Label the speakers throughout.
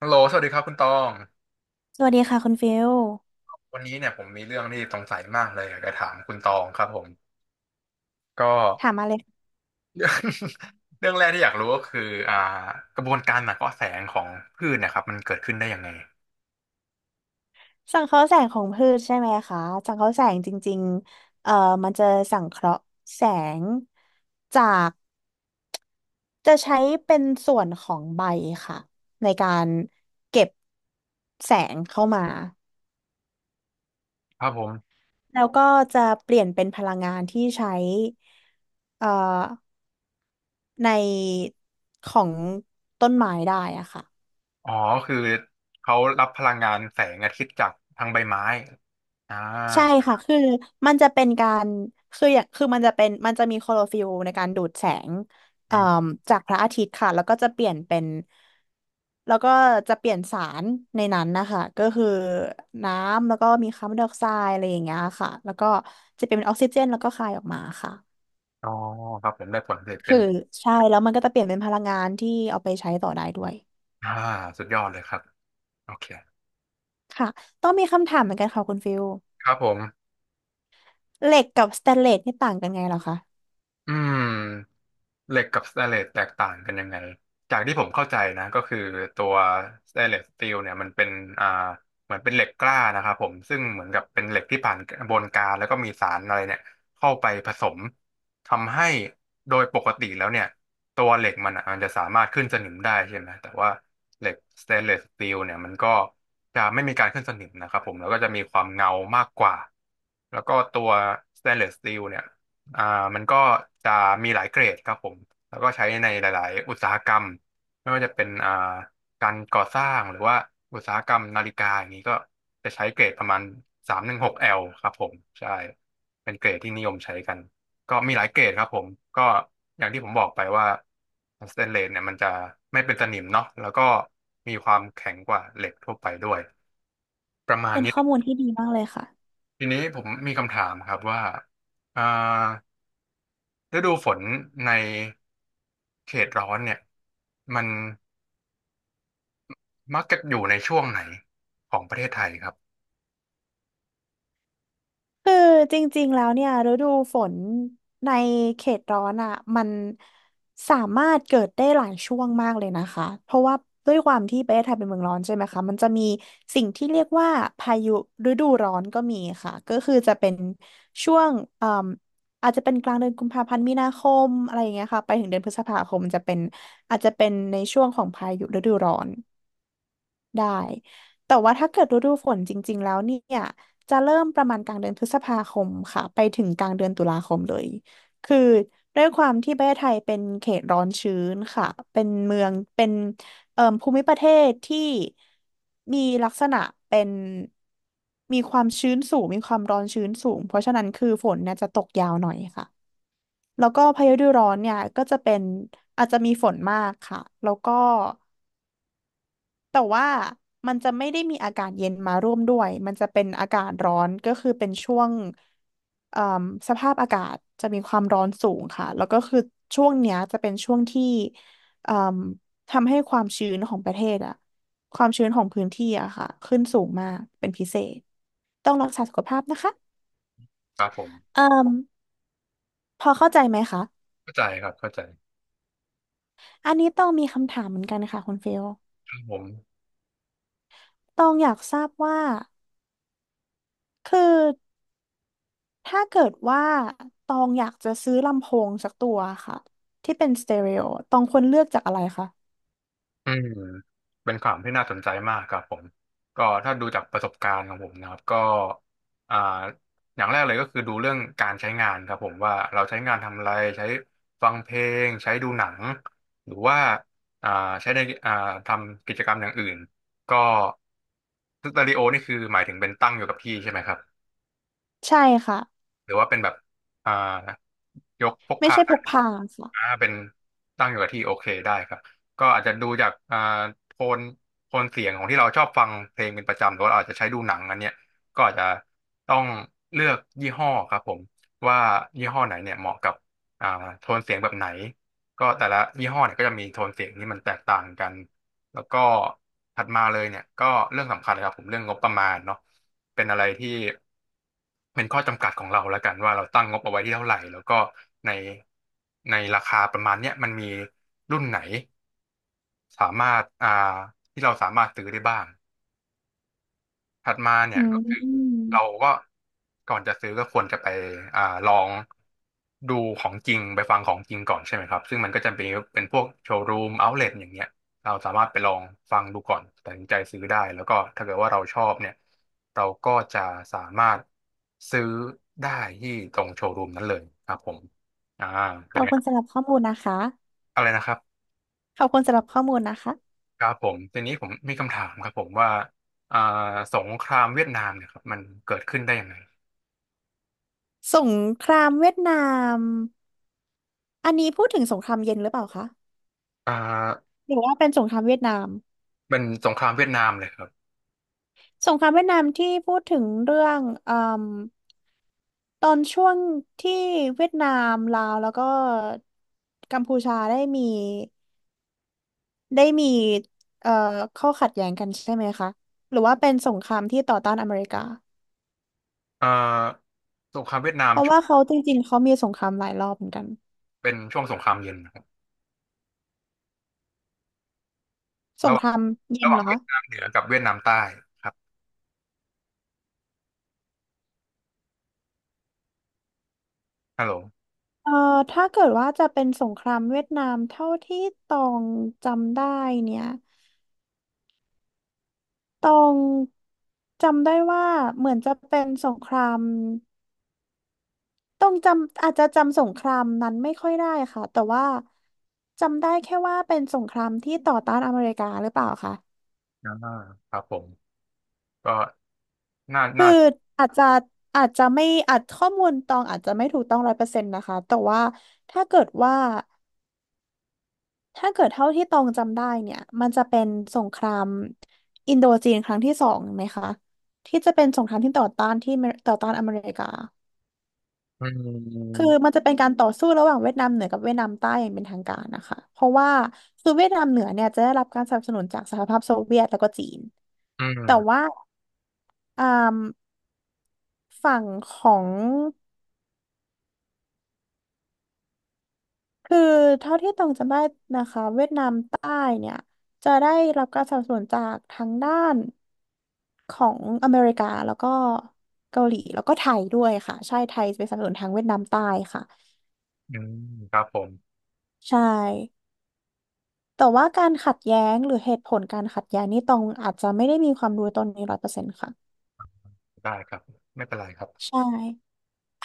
Speaker 1: ฮัลโหลสวัสดีครับคุณตอง
Speaker 2: สวัสดีค่ะคุณฟิล
Speaker 1: วันนี้เนี่ยผมมีเรื่องที่สงสัยมากเลยอยากจะถามคุณตองครับผมก็
Speaker 2: ถามมาเลย
Speaker 1: เรื่องแรกที่อยากรู้ก็คืออ่ากระบวนการหนักเกาะแสงของพืชเนะครับมันเกิดขึ้นได้ยังไง
Speaker 2: สังเคราะห์แสงของพืชใช่ไหมคะสังเคราะห์แสงจริงๆมันจะสังเคราะห์แสงจากจะใช้เป็นส่วนของใบค่ะในการเก็บแสงเข้ามา
Speaker 1: ครับผม
Speaker 2: แล้วก็จะเปลี่ยนเป็นพลังงานที่ใช้เอ่อในของต้นไม้ได้อะค่ะ
Speaker 1: อ๋อคือเขารับพลังงานแสงอาทิตย์จากทางใบไม้อ่า
Speaker 2: ใช่ค่ะ คือมันจะเป็นการคืออย่างคือมันจะเป็นมันจะมีโคลอฟิลในการดูดแสง
Speaker 1: อ
Speaker 2: เอ่อ
Speaker 1: ม
Speaker 2: จากพระอาทิตย์ค่ะ แล้วก็จะเปลี่ยนเป็น แล้วก็จะเปลี่ยนสารในนั้นนะคะ ก็คือน้ำแล้วก็มีคาร์บอนไดออกไซด์อะไรอย่างเงี้ยค่ะ แล้วก็จะเป็นออกซิเจนแล้วก็คายออกมาค่ะ
Speaker 1: อ๋อครับผมได้ผลผลิตเป็
Speaker 2: คือ
Speaker 1: น
Speaker 2: ใช่แล้วมันก็จะเปลี่ยนเป็นพลังงานที่เอาไปใช้ต่อได้ด้วย
Speaker 1: อ่าสุดยอดเลยครับโอเค
Speaker 2: ค่ะต้องมีคำถามเหมือนกันค่ะคุณฟิล
Speaker 1: ครับผม
Speaker 2: เหล็กกับสแตนเลสนี่ต่างกันไงเหรอคะ
Speaker 1: อืม เหล็กกับสแตนเลสแตกต่างกันยังไงจากที่ผมเข้าใจนะก็คือตัวสแตนเลสสตีลเนี่ยมันเป็นอ่าเหมือนเป็นเหล็กกล้านะครับผมซึ่งเหมือนกับเป็นเหล็กที่ผ่านกระบวนการแล้วก็มีสารอะไรเนี่ยเข้าไปผสมทำให้โดยปกติแล้วเนี่ยตัวเหล็กมันอ่ะมันจะสามารถขึ้นสนิมได้ใช่ไหมแต่ว่าเหล็กสแตนเลสสตีลเนี่ยมันก็จะไม่มีการขึ้นสนิมนะครับผมแล้วก็จะมีความเงามากกว่าแล้วก็ตัวสแตนเลสสตีลเนี่ย อ่ามันก็จะมีหลายเกรดครับผมแล้วก็ใช้ในหลายๆอุตสาหกรรมไม่ว่าจะเป็นการก่อสร้างหรือว่าอุตสาหกรรมนาฬิกาอย่างนี้ก็จะใช้เกรดประมาณ 316L ครับผมใช่เป็นเกรดที่นิยมใช้กันก็มีหลายเกรดครับผมก็อย่างที่ผมบอกไปว่าสแตนเลสเนี่ยมันจะไม่เป็นสนิมเนาะแล้วก็มีความแข็งกว่าเหล็กทั่วไปด้วยประมาณ
Speaker 2: เป็น
Speaker 1: นี้
Speaker 2: ข้อมูลที่ดีมากเลยค่ะ
Speaker 1: ทีนี้ผมมีคำถามครับว่าอ่า ฤดูฝนในเขตร้อนเนี่ยมันมักจะอยู่ในช่วงไหนของประเทศไทยครับ
Speaker 2: คือจริงๆแล้วเนี่ยฤดูฝนในเขตร้อนอ่ะมันสามารถเกิดได้หลายช่วงมากเลยนะคะเพราะว่าด้วยความที่ประเทศไทยเป็นเมืองร้อนใช่ไหมคะมันจะมีสิ่งที่เรียกว่าพายุฤดูร้อนก็มีค่ะก็คือจะเป็นช่วงเอ่มอาจจะเป็นกลางเดือนกุมภาพันธ์มีนาคมอะไรอย่างเงี้ยค่ะไปถึงเดือนพฤษภาคมจะเป็นอาจจะเป็นในช่วงของพายุฤดูร้อน ได้แต่ว่าถ้าเกิดฤดูฝนจริงๆแล้วเนี่ยจะเริ่มประมาณกลางเดือนพฤษภาคมค่ะไปถึงกลางเดือนตุลาคมเลยคือด้วยความที่ประเทศไทยเป็นเขตร้อนชื้นค่ะเป็นเมืองเป็นภูมิประเทศที่มีลักษณะเป็นมีความชื้นสูงมีความร้อนชื้นสูงเพราะฉะนั้นคือฝนเนี่ยจะตกยาวหน่อยค่ะแล้วก็พายุฤดูร้อนเนี่ยก็จะเป็นอาจจะมีฝนมากค่ะแล้วก็ แต่ว่ามันจะไม่ได้มีอากาศเย็นมาร่วมด้วย มันจะเป็นอากาศร้อน ก็คือเป็นช่วงเอ่อสภาพอากาศจะมีความร้อนสูงค่ะ แล้วก็คือช่วงเนี้ยจะเป็นช่วงที่เอ่อทำให้ความชื้นของประเทศอะความชื้นของพื้นที่อะค่ะ ขึ้นสูงมาก เป็นพิเศษ ต้องรักษาสุขภาพนะคะ
Speaker 1: ครับผม
Speaker 2: เอ่อพอเข้าใจไหมคะ
Speaker 1: เข้าใจครับเข้าใจ
Speaker 2: อันนี้ต้องมีคำถามเหมือนกันค่ะคุณเฟล
Speaker 1: ครับผม
Speaker 2: ตองอยากทราบว่าคือ ถ้าเกิดว่าตองอยากจะซื้อลำโพงสักตัวค่ะที่เป็นสเตอริโอตองควรเลือกจากอะไรคะ
Speaker 1: อืมเป็นข่าวที่น่าสนใจมากครับผมก็ถ้าดูจากประสบการณ์ของผมนะครับก็อ่าอย่างแรกเลยก็คือดูเรื่องการใช้งานครับผมว่าเราใช้งานทำอะไรใช้ฟังเพลงใช้ดูหนังหรือว่าอ่าใช้ในอ่าทำกิจกรรมอย่างอื่นก็สตูดิโอนี่คือหมายถึงเป็นตั้งอยู่กับที่ใช่ไหมครับ
Speaker 2: ใช่ค่ะ
Speaker 1: หรือว่าเป็นแบบอ่ายกพก
Speaker 2: ไม่
Speaker 1: พา
Speaker 2: ใช่พ
Speaker 1: ได้
Speaker 2: กพาค่ะ
Speaker 1: เป็นตั้งอยู่กับที่โอเคได้ครับก็อาจจะดูจากโทนโทนเสียงของที่เราชอบฟังเพลงเป็นประจำหรือว่าเราอาจจะใช้ดูหนังอันเนี้ยก็อาจจะต้องเลือกยี่ห้อครับผมว่ายี่ห้อไหนเนี่ยเหมาะกับอ่าโทนเสียงแบบไหนก็แต่ละยี่ห้อเนี่ยก็จะมีโทนเสียงที่มันแตกต่างกัน แล้วก็ถัดมาเลยเนี่ยก็เรื่องสำคัญเลยครับผมเรื่องงบประมาณเนาะเป็นอะไรที่เป็นข้อจำกัดของเราแล้วกันว่าเราตั้งงบเอาไว้ที่เท่าไหร่แล้วก็ในในราคาประมาณเนี้ยมันมีรุ่นไหนสามารถที่เราสามารถซื้อได้บ้าง ถัดมาเนี่
Speaker 2: อื
Speaker 1: ยก็คือ
Speaker 2: ม
Speaker 1: เราก็ก่อนจะซื้อก็ควรจะไปอ่าลองดูของจริงไปฟังของจริงก่อนใช่ไหมครับซึ่งมันก็จะเป็นเป็นพวกโชว์รูมเอาท์เลอย่างเงี้ยเราสามารถไปลองฟังดูก่อนตัดสินใจซื้อได้แล้วก็ถ้าเกิดว่าเราชอบเนี่ยเราก็จะสามารถซื้อได้ที่ตรงโชว์รูมนั้นเลยครับผมอ่า
Speaker 2: ข
Speaker 1: เป็น
Speaker 2: อบ
Speaker 1: ไง
Speaker 2: คุณสำหรับข้อมูลนะคะ
Speaker 1: อะไรนะครับ
Speaker 2: ขอบคุณสำหรับข้อมูลนะคะ
Speaker 1: ครับผมทีนี้ผมมีคำถามครับผมว่าอ่าสงครามเวียดนามเนี่ยครับมันเกิดขึ้นได้ยังไง
Speaker 2: สงครามเวียดนามอันนี้พูดถึงสงครามเย็นหรือเปล่าคะ
Speaker 1: อ่า
Speaker 2: หรือว่าเป็นสงครามเวียดนาม
Speaker 1: เป็นสงครามเวียดนามเลยครับ
Speaker 2: สงครามเวียดนามที่พูดถึงเรื่องเอ่มตอนช่วงที่เวียดนามลาวแล้วก็กัมพูชาได้มี ได้มีเอ่อข้อขัดแย้งกันใช่ไหมคะหรือว่าเป็นสงครามที่ต่อต้านอเมริกา
Speaker 1: เอ่อสงครามเวียดนาม
Speaker 2: เพราะ
Speaker 1: ช่ว
Speaker 2: ว่า
Speaker 1: ง
Speaker 2: เขาจริงๆเขามีสงครามหลายรอบเหมือนกัน
Speaker 1: เป็นช่วงสงครามเย็นนะครับ
Speaker 2: ส
Speaker 1: ระ
Speaker 2: ง
Speaker 1: ห
Speaker 2: ค
Speaker 1: ว่าง
Speaker 2: รามเย็น
Speaker 1: ระห
Speaker 2: เห
Speaker 1: ว่า
Speaker 2: ร
Speaker 1: ง
Speaker 2: อ
Speaker 1: เวี
Speaker 2: คะ
Speaker 1: ยดนามเหนือกับเวียดนามใต้ครับฮัลโหล
Speaker 2: เอ่อถ้าเกิดว่าจะเป็นสงครามเวียดนามเท่าที่ตองจำได้เนี่ยตองจำได้ว่าเหมือนจะเป็นสงครามต้องจำอาจจะจำสงครามนั้นไม่ค่อยได้ค่ะแต่ว่าจำได้แค่ว่าเป็นสงครามที่ต่อต้านอเมริกาหรือเปล่าคะ
Speaker 1: อ่าครับผมก็น่า
Speaker 2: คือ
Speaker 1: น่า
Speaker 2: อาจจะอาจจะไม่อาจข้อมูลตองอาจจะไม่ถูกต้องร้อยเปอร์เซ็นต์นะคะแต่ว่าถ้าเกิดว่าถ้าเกิดเท่าที่ตองจำได้เนี่ยมันจะเป็นสงครามอินโดจีนครั้งที่ 2ไหมคะที่จะเป็นสงครามที่ต่อต้านที่เมต่อต้านอเมริกา
Speaker 1: อื
Speaker 2: คือมั
Speaker 1: ม
Speaker 2: นจะเป็นการต่อสู้ระหว่างเวียดนามเหนือกับเวียดนามใต้อย่างเป็นทางการนะคะเพราะว่าคือเวียดนามเหนือเนี่ยจะได้รับการสนับสนุนจากสหภาพโซเวียตแล้วก็จีน
Speaker 1: อื
Speaker 2: แต่
Speaker 1: ม
Speaker 2: ว่าอ่าฝั่งของ คือเท่าที่ตองจำได้นะคะเวียดนามใต้เนี่ยจะได้รับการสนับสนุนจากทั้งด้านของอเมริกาแล้วก็เกาหลีแล้วก็ไทยด้วยค่ะใช่ไทยจะไปนสนับสนุนทางเวียดนามใต้ค่ะ
Speaker 1: อืมครับผม
Speaker 2: ใช่แต่ว่าการขัดแย้งหรือเหตุผลการขัดแย้งนี่ตองอาจจะไม่ได้มีความรู้ตรงนี้ร้อยเปอร์เซ็นต์ค่ะ
Speaker 1: ได้ครับไม่เป็นไรครับ
Speaker 2: ใช่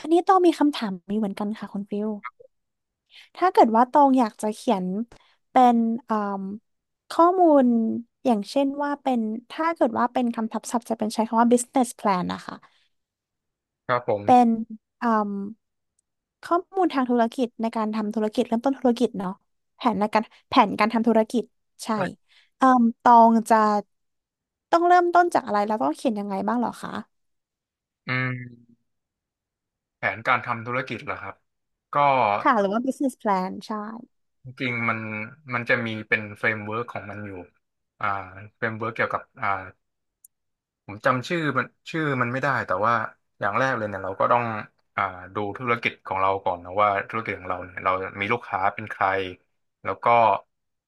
Speaker 2: อันนี้ต้องมีคำถามนี้เหมือนกันค่ะคุณฟิล ถ้าเกิดว่าตองอยากจะเขียนเป็นอ่มข้อมูลอย่างเช่นว่าเป็นถ้าเกิดว่าเป็นคำทับศัพท์จะเป็นใช้คำว่า business plan นะคะ
Speaker 1: ครับผม
Speaker 2: เป็นอ่มข้อมูลทางธุรกิจในการทำธุรกิจเริ่มต้นธุรกิจเนาะแผนในการแผนการทำธุรกิจใช่
Speaker 1: ใช่
Speaker 2: เอ่มตองจะต้องเริ่มต้นจากอะไรแล้วต้องเขียนยังไงบ้างเหรอคะ
Speaker 1: อืมแผนการทำธุรกิจเหรอครับก็
Speaker 2: ค่ะหรือว่า business plan ใช่
Speaker 1: จริงๆมันมันจะมีเป็นเฟรมเวิร์กของมันอยู่อ่าเฟรมเวิร์กเกี่ยวกับผมจำชื่อมันชื่อมันไม่ได้แต่ว่าอย่างแรกเลยเนี่ยเราก็ต้องอ่าดูธุรกิจของเราก่อนนะว่าธุรกิจของเราเนี่ยเรามีลูกค้าเป็นใครแล้วก็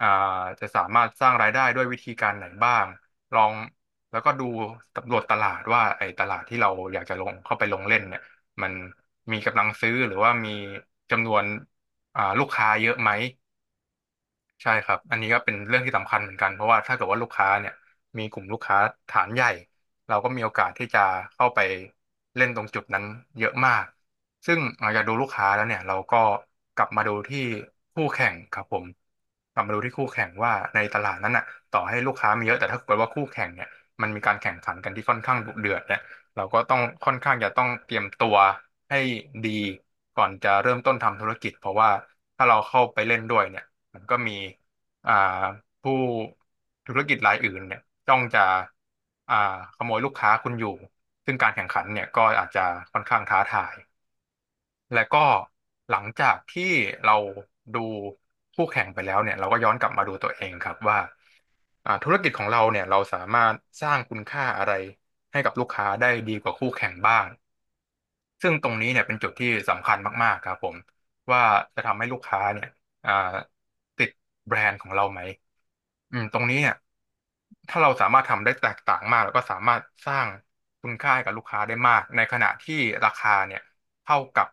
Speaker 1: อ่าจะสามารถสร้างรายได้ด้วยวิธีการไหนบ้างลองแล้วก็ดูสำรวจตลาดว่าไอ้ตลาดที่เราอยากจะลงเข้าไปลงเล่นเนี่ยมันมีกำลังซื้อหรือว่ามีจำนวนลูกค้าเยอะไหม ใช่ครับ อันนี้ก็เป็นเรื่องที่สำคัญเหมือนกันเพราะว่าถ้าเกิดว่าลูกค้าเนี่ยมีกลุ่มลูกค้าฐานใหญ่เราก็มีโอกาสที่จะเข้าไปเล่นตรงจุดนั้นเยอะมากซึ่งหลังจากดูลูกค้าแล้วเนี่ยเราก็กลับมาดูที่คู่แข่งครับผมกลับมาดูที่คู่แข่งว่าในตลาดนั้นน่ะต่อให้ลูกค้ามีเยอะแต่ถ้าเกิดว่าคู่แข่งเนี่ยมันมีการแข่งขันกันที่ค่อนข้างดุเดือดเนี่ยเราก็ต้องค่อนข้างจะต้องเตรียมตัวให้ดีก่อนจะเริ่มต้นทำธุรกิจเพราะว่าถ้าเราเข้าไปเล่นด้วยเนี่ย มันก็มีอ่าผู้ธุรกิจรายอื่นเนี่ยต้องจะอ่าขโมยลูกค้าคุณอยู่ซึ่งการแข่งขันเนี่ยก็อาจจะค่อนข้างท้าทายและก็หลังจากที่เราดูคู่แข่งไปแล้วเนี่ยเราก็ย้อนกลับมาดูตัวเองครับว่าธุรกิจของเราเนี่ยเราสามารถสร้างคุณค่าอะไรให้กับลูกค้าได้ดีกว่าคู่แข่งบ้าง ซึ่งตรงนี้เนี่ยเป็นจุดที่สำคัญมากๆครับผมว่าจะทำให้ลูกค้าเนี่ยอ่าติดแบรนด์ของเราไหมอืมตรงนี้เนี่ยถ้าเราสามารถทำได้แตกต่างมากแล้วก็สามารถสร้างคุณค่าให้กับลูกค้าได้มากในขณะที่ราคาเนี่ยเท่ากับ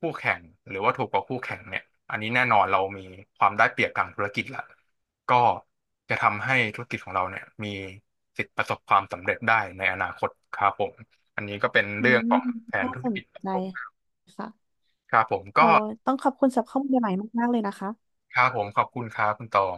Speaker 1: คู่แข่งหรือว่าถูกกว่าคู่แข่งเนี่ยอันนี้แน่นอนเรามีความได้เปรียบทางธุรกิจละก็จะทำให้ธุรกิจของเราเนี่ยมีสิทธิ์ประสบความสำเร็จได้ในอนาคตครับผมอันนี้ก็เป็น
Speaker 2: อื
Speaker 1: เรื่อ
Speaker 2: ม
Speaker 1: งของแผน
Speaker 2: น่า
Speaker 1: ธุร
Speaker 2: สน
Speaker 1: กิจ
Speaker 2: ใจค่ะ
Speaker 1: ครับผม
Speaker 2: โอ้
Speaker 1: ก็
Speaker 2: ต้องขอบคุณสำหรับข้อมูลใหม่ๆมากๆเลยนะคะ
Speaker 1: ครับผมขอบคุณครับคุณตอง